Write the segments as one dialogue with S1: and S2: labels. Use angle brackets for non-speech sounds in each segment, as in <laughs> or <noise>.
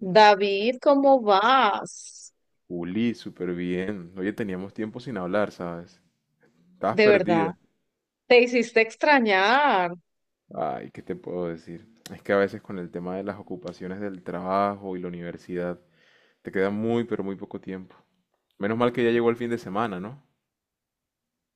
S1: David, ¿cómo vas?
S2: Juli, súper bien. Oye, teníamos tiempo sin hablar, ¿sabes? Estabas
S1: De verdad,
S2: perdida.
S1: te hiciste extrañar.
S2: Ay, ¿qué te puedo decir? Es que a veces con el tema de las ocupaciones del trabajo y la universidad, te queda muy, pero muy poco tiempo. Menos mal que ya llegó el fin de semana, ¿no?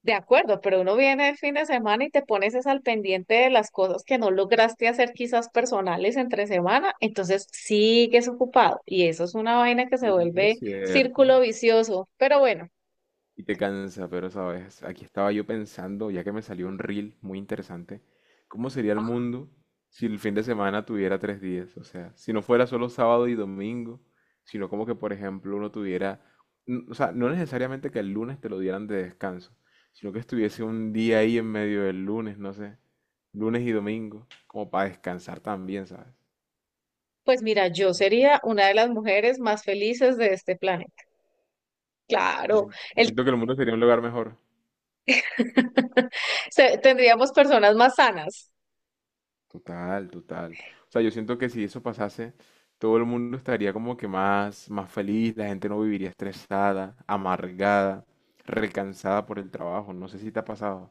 S1: De acuerdo, pero uno viene el fin de semana y te pones es al pendiente de las cosas que no lograste hacer quizás personales entre semana, entonces sigues ocupado y eso es una vaina que se
S2: Sí, es
S1: vuelve
S2: cierto.
S1: círculo vicioso. Pero bueno,
S2: Y te cansa, pero sabes, aquí estaba yo pensando, ya que me salió un reel muy interesante, ¿cómo sería el mundo si el fin de semana tuviera 3 días? O sea, si no fuera solo sábado y domingo, sino como que, por ejemplo, uno tuviera, o sea, no necesariamente que el lunes te lo dieran de descanso, sino que estuviese un día ahí en medio del lunes, no sé, lunes y domingo, como para descansar también, ¿sabes?
S1: pues mira, yo
S2: No sé.
S1: sería una de las mujeres más felices de este planeta.
S2: Yo,
S1: Claro,
S2: yo
S1: el...
S2: siento que el mundo sería un lugar mejor.
S1: <laughs> tendríamos personas más sanas.
S2: Total, total. O sea, yo siento que si eso pasase, todo el mundo estaría como que más, más feliz, la gente no viviría estresada, amargada, recansada por el trabajo. No sé si te ha pasado.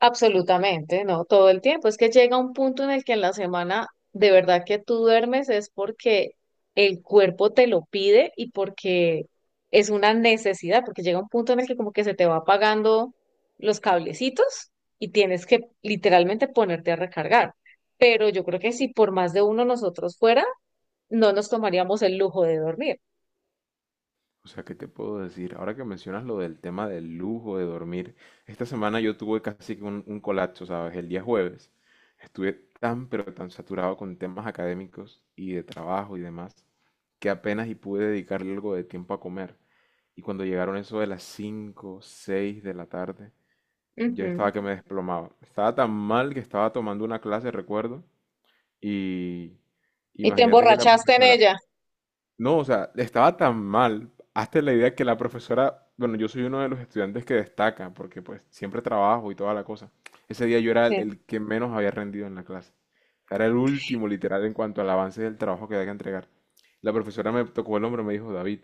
S1: Absolutamente, no, todo el tiempo. Es que llega un punto en el que en la semana de verdad que tú duermes es porque el cuerpo te lo pide y porque es una necesidad, porque llega un punto en el que como que se te va apagando los cablecitos y tienes que literalmente ponerte a recargar. Pero yo creo que si por más de uno nosotros fuera, no nos tomaríamos el lujo de dormir.
S2: O sea, ¿qué te puedo decir? Ahora que mencionas lo del tema del lujo, de dormir, esta semana yo tuve casi que un colapso, ¿sabes? El día jueves estuve tan, pero tan saturado con temas académicos y de trabajo y demás, que apenas y pude dedicarle algo de tiempo a comer. Y cuando llegaron eso de las 5 o 6 de la tarde, yo estaba
S1: Ujú.
S2: que me desplomaba. Estaba tan mal que estaba tomando una clase, recuerdo, y
S1: Y te
S2: imagínate que la
S1: emborrachaste en
S2: profesora,
S1: ella.
S2: no, o sea, estaba tan mal. Hazte la idea que la profesora, bueno, yo soy uno de los estudiantes que destaca, porque pues siempre trabajo y toda la cosa. Ese día yo era el,
S1: Sí.
S2: el que menos había rendido en la clase. Era el último, literal, en cuanto al avance del trabajo que había que entregar. La profesora me tocó el hombro y me dijo, David,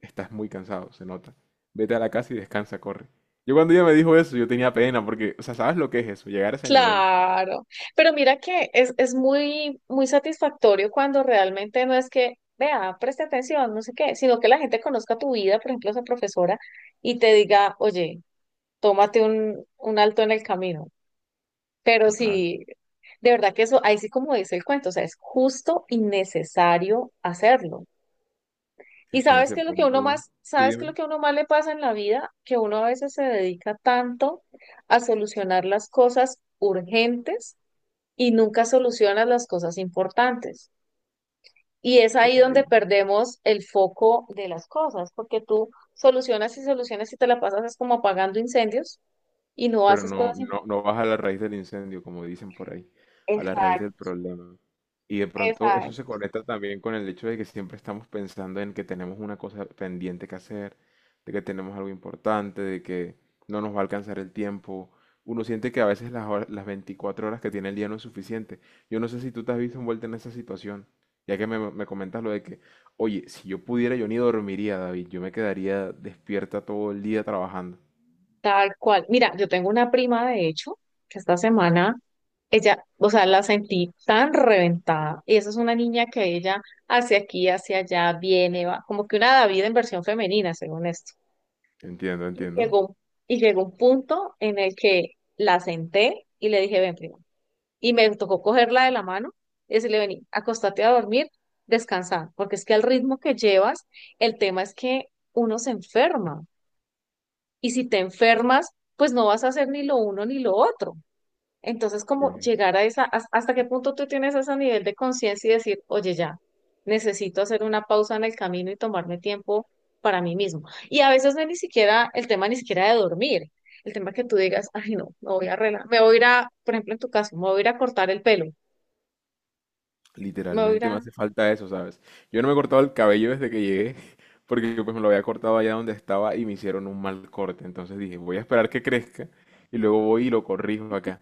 S2: estás muy cansado, se nota. Vete a la casa y descansa, corre. Yo cuando ella me dijo eso, yo tenía pena, porque, o sea, ¿sabes lo que es eso? Llegar a ese nivel.
S1: Claro, pero mira que es muy, muy satisfactorio cuando realmente no es que, vea, preste atención, no sé qué, sino que la gente conozca tu vida, por ejemplo, esa profesora, y te diga, oye, tómate un alto en el camino. Pero
S2: Total.
S1: sí, de verdad que eso, ahí sí como dice el cuento, o sea, es justo y necesario hacerlo. Y
S2: Es que en
S1: sabes
S2: ese
S1: qué lo que uno
S2: punto...
S1: más,
S2: Sí,
S1: sabes qué
S2: dime.
S1: lo que uno más le pasa en la vida, que uno a veces se dedica tanto a solucionar las cosas urgentes y nunca solucionas las cosas importantes. Y es
S2: Ok.
S1: ahí donde perdemos el foco de las cosas, porque tú solucionas y solucionas y te la pasas es como apagando incendios y no
S2: Pero
S1: haces
S2: no,
S1: cosas importantes.
S2: no, no vas a la raíz del incendio, como dicen por ahí, a la raíz del
S1: Exacto,
S2: problema. Y de pronto eso se
S1: exacto.
S2: conecta también con el hecho de que siempre estamos pensando en que tenemos una cosa pendiente que hacer, de que tenemos algo importante, de que no nos va a alcanzar el tiempo. Uno siente que a veces las 24 horas que tiene el día no es suficiente. Yo no sé si tú te has visto envuelta en esa situación, ya que me comentas lo de que, oye, si yo pudiera, yo ni dormiría, David, yo me quedaría despierta todo el día trabajando.
S1: Tal cual. Mira, yo tengo una prima, de hecho, que esta semana, ella, o sea, la sentí tan reventada. Y esa es una niña que ella hacia aquí, hacia allá, viene, va, como que una David en versión femenina, según esto.
S2: Entiendo,
S1: Y
S2: entiendo.
S1: llegó, y llegó un punto en el que la senté y le dije, ven, prima. Y me tocó cogerla de la mano y decirle, vení, acostate a dormir, descansa, porque es que al ritmo que llevas, el tema es que uno se enferma. Y si te enfermas, pues no vas a hacer ni lo uno ni lo otro. Entonces, como
S2: Tienes
S1: llegar a esa, hasta qué punto tú tienes ese nivel de conciencia y decir, oye, ya, necesito hacer una pausa en el camino y tomarme tiempo para mí mismo. Y a veces no es ni siquiera el tema ni siquiera de dormir, el tema que tú digas, ay, no, me voy a arreglar, me voy a ir a, por ejemplo, en tu caso, me voy a ir a cortar el pelo, me voy a ir
S2: literalmente me
S1: a...
S2: hace falta eso, ¿sabes? Yo no me he cortado el cabello desde que llegué, <laughs> porque pues me lo había cortado allá donde estaba y me hicieron un mal corte. Entonces dije, voy a esperar que crezca y luego voy y lo corrijo acá.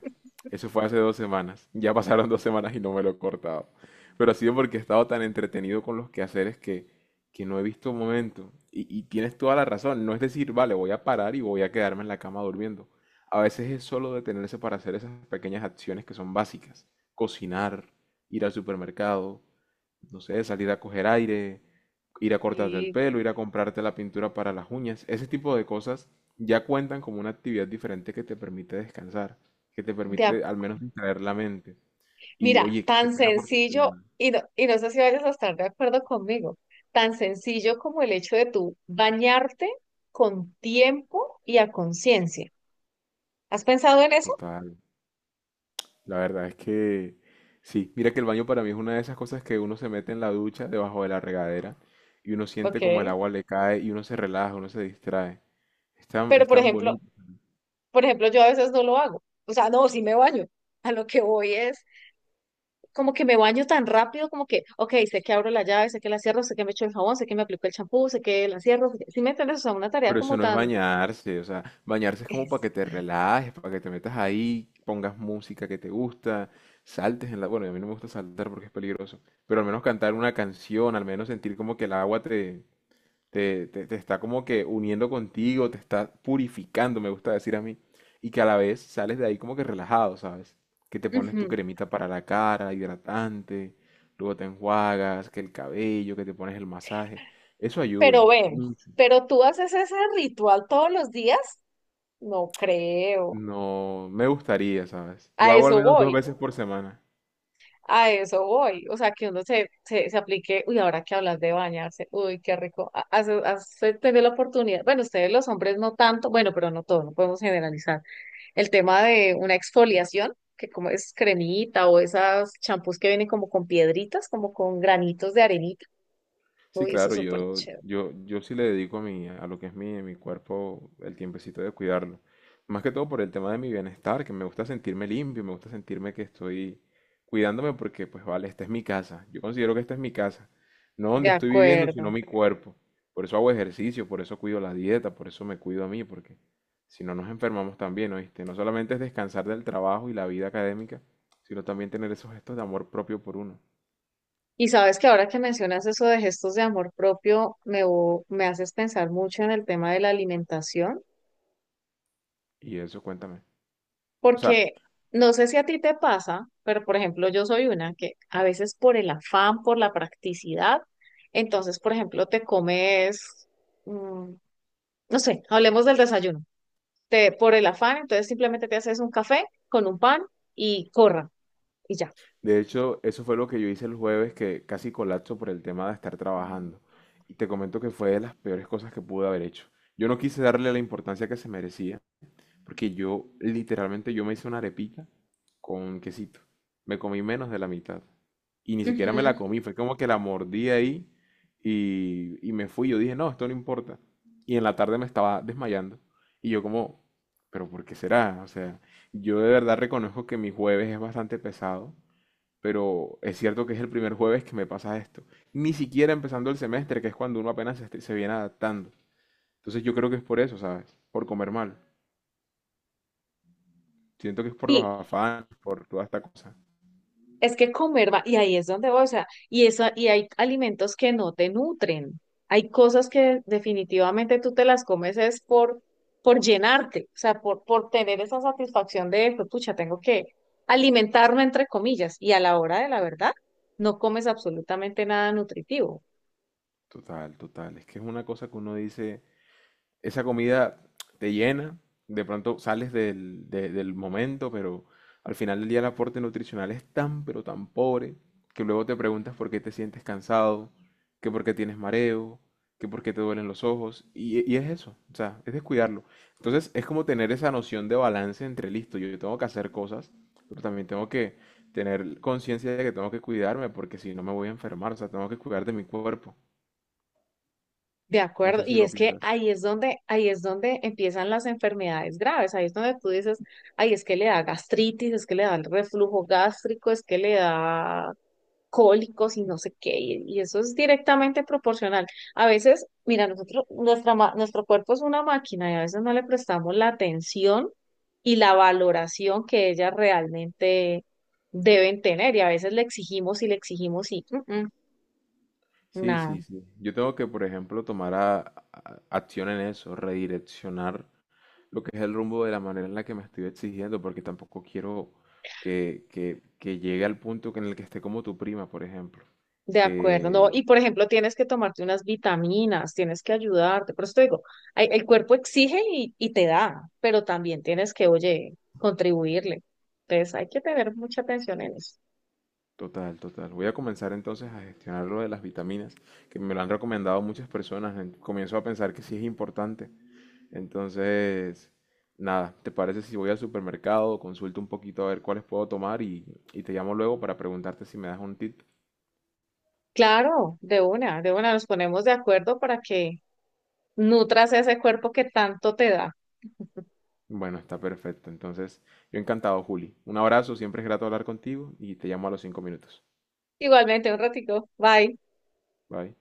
S2: Eso fue hace 2 semanas. Ya pasaron 2 semanas y no me lo he cortado. Pero ha sido porque he estado tan entretenido con los quehaceres que no he visto un momento. Y tienes toda la razón. No es decir, vale, voy a parar y voy a quedarme en la cama durmiendo. A veces es solo detenerse para hacer esas pequeñas acciones que son básicas. Cocinar, ir al supermercado, no sé, salir a coger aire, ir a cortarte el
S1: Y
S2: pelo, ir a comprarte la pintura para las uñas, ese tipo de cosas ya cuentan como una actividad diferente que te permite descansar, que te
S1: de ac-
S2: permite al menos distraer la mente. Y
S1: Mira,
S2: oye, qué
S1: tan
S2: pena por tu
S1: sencillo,
S2: prima.
S1: y no sé si vayas a estar de acuerdo conmigo, tan sencillo como el hecho de tú bañarte con tiempo y a conciencia. ¿Has pensado en eso?
S2: Total. La verdad es que sí, mira que el baño para mí es una de esas cosas que uno se mete en la ducha debajo de la regadera y uno siente
S1: Ok.
S2: como el agua le cae y uno se relaja, uno se distrae.
S1: Pero
S2: Es
S1: por
S2: tan
S1: ejemplo,
S2: bonito.
S1: por ejemplo, yo a veces no lo hago. O sea, no, sí me baño. A lo que voy es como que me baño tan rápido, como que, ok, sé que abro la llave, sé que la cierro, sé que me echo el jabón, sé que me aplico el champú, sé que la cierro. ¿Sí me entiendes? O sea, una tarea
S2: Pero eso
S1: como
S2: no es
S1: tan...
S2: bañarse, o sea, bañarse es como para
S1: es-
S2: que te relajes, para que te metas ahí, pongas música que te gusta, saltes en la... Bueno, a mí no me gusta saltar porque es peligroso, pero al menos cantar una canción, al menos sentir como que el agua te, te está como que uniendo contigo, te está purificando, me gusta decir a mí, y que a la vez sales de ahí como que relajado, ¿sabes? Que te pones tu
S1: Ujú.
S2: cremita para la cara, hidratante, luego te enjuagas, que el cabello, que te pones el masaje, eso
S1: Pero
S2: ayuda.
S1: ven, pero tú haces ese ritual todos los días, no creo.
S2: No, me gustaría, ¿sabes? Lo
S1: A
S2: hago al
S1: eso
S2: menos dos
S1: voy.
S2: veces por semana.
S1: A eso voy, o sea, que uno se aplique, uy, ahora que hablas de bañarse, uy, qué rico, hace tener la oportunidad, bueno, ustedes los hombres no tanto, bueno, pero no todos, no podemos generalizar, el tema de una exfoliación, que como es cremita o esas champús que vienen como con piedritas, como con granitos de arenita,
S2: Sí,
S1: uy, eso es
S2: claro,
S1: súper
S2: yo,
S1: chévere,
S2: yo, yo sí le dedico a mi, a lo que es mi cuerpo el tiempecito de cuidarlo. Más que todo por el tema de mi bienestar, que me gusta sentirme limpio, me gusta sentirme que estoy cuidándome porque, pues vale, esta es mi casa. Yo considero que esta es mi casa. No
S1: de
S2: donde estoy viviendo, sino
S1: acuerdo.
S2: mi cuerpo. Por eso hago ejercicio, por eso cuido la dieta, por eso me cuido a mí, porque si no nos enfermamos también, ¿oíste? No solamente es descansar del trabajo y la vida académica, sino también tener esos gestos de amor propio por uno.
S1: Y sabes que ahora que mencionas eso de gestos de amor propio, me haces pensar mucho en el tema de la alimentación.
S2: Y eso, cuéntame. O sea,
S1: Porque no sé si a ti te pasa, pero por ejemplo, yo soy una que a veces por el afán, por la practicidad, entonces, por ejemplo, te comes, mm, no sé, hablemos del desayuno. Te, por el afán, entonces simplemente te haces un café con un pan y corra y ya.
S2: de hecho, eso fue lo que yo hice el jueves, que casi colapso por el tema de estar trabajando. Y te comento que fue de las peores cosas que pude haber hecho. Yo no quise darle la importancia que se merecía, porque yo literalmente yo me hice una arepita con quesito. Me comí menos de la mitad. Y ni siquiera me
S1: Ujú.
S2: la comí, fue como que la mordí ahí y me fui. Yo dije, no, esto no importa. Y en la tarde me estaba desmayando. Y yo como, pero ¿por qué será? O sea, yo de verdad reconozco que mi jueves es bastante pesado, pero es cierto que es el primer jueves que me pasa esto. Ni siquiera empezando el semestre, que es cuando uno apenas se viene adaptando. Entonces yo creo que es por eso, ¿sabes? Por comer mal. Siento que es por los
S1: Sí,
S2: afanes, por toda esta cosa.
S1: es que comer va, y ahí es donde voy, o sea, y esa, y hay alimentos que no te nutren. Hay cosas que definitivamente tú te las comes es por, llenarte, o sea, por tener esa satisfacción de, pues, pucha, tengo que alimentarme entre comillas, y a la hora de la verdad, no comes absolutamente nada nutritivo.
S2: Total, total. Es que es una cosa que uno dice, esa comida te llena, de pronto sales del momento, pero al final del día el aporte nutricional es tan, pero tan pobre, que luego te preguntas por qué te sientes cansado, que por qué tienes mareo, que por qué te duelen los ojos, y es eso, o sea, es descuidarlo. Entonces es como tener esa noción de balance entre listo, yo tengo que hacer cosas, pero también tengo que tener conciencia de que tengo que cuidarme, porque si no me voy a enfermar, o sea, tengo que cuidar de mi cuerpo.
S1: De
S2: No
S1: acuerdo,
S2: sé si
S1: y
S2: lo
S1: es que
S2: piensas.
S1: ahí es donde empiezan las enfermedades graves, ahí es donde tú dices, ay, es que le da gastritis, es que le da el reflujo gástrico, es que le da cólicos y no sé qué, y, eso es directamente proporcional. A veces, mira, nosotros, nuestro cuerpo es una máquina y a veces no le prestamos la atención y la valoración que ellas realmente deben tener, y a veces le exigimos y
S2: Sí,
S1: nada.
S2: sí, sí. Yo tengo que, por ejemplo, tomar acción en eso, redireccionar lo que es el rumbo de la manera en la que me estoy exigiendo, porque tampoco quiero que llegue al punto que en el que esté como tu prima, por ejemplo.
S1: De acuerdo, no,
S2: Que,
S1: y por ejemplo, tienes que tomarte unas vitaminas, tienes que ayudarte, por eso te digo, el cuerpo exige y, te da, pero también tienes que, oye, contribuirle. Entonces hay que tener mucha atención en eso.
S2: total, total. Voy a comenzar entonces a gestionar lo de las vitaminas, que me lo han recomendado muchas personas. Comienzo a pensar que sí es importante. Entonces, nada, ¿te parece si voy al supermercado, consulto un poquito a ver cuáles puedo tomar y te llamo luego para preguntarte si me das un tip?
S1: Claro, de una nos ponemos de acuerdo para que nutras ese cuerpo que tanto te da.
S2: Bueno, está perfecto. Entonces, yo encantado, Juli. Un abrazo, siempre es grato hablar contigo y te llamo a los 5 minutos.
S1: Igualmente, un ratico. Bye.
S2: Bye.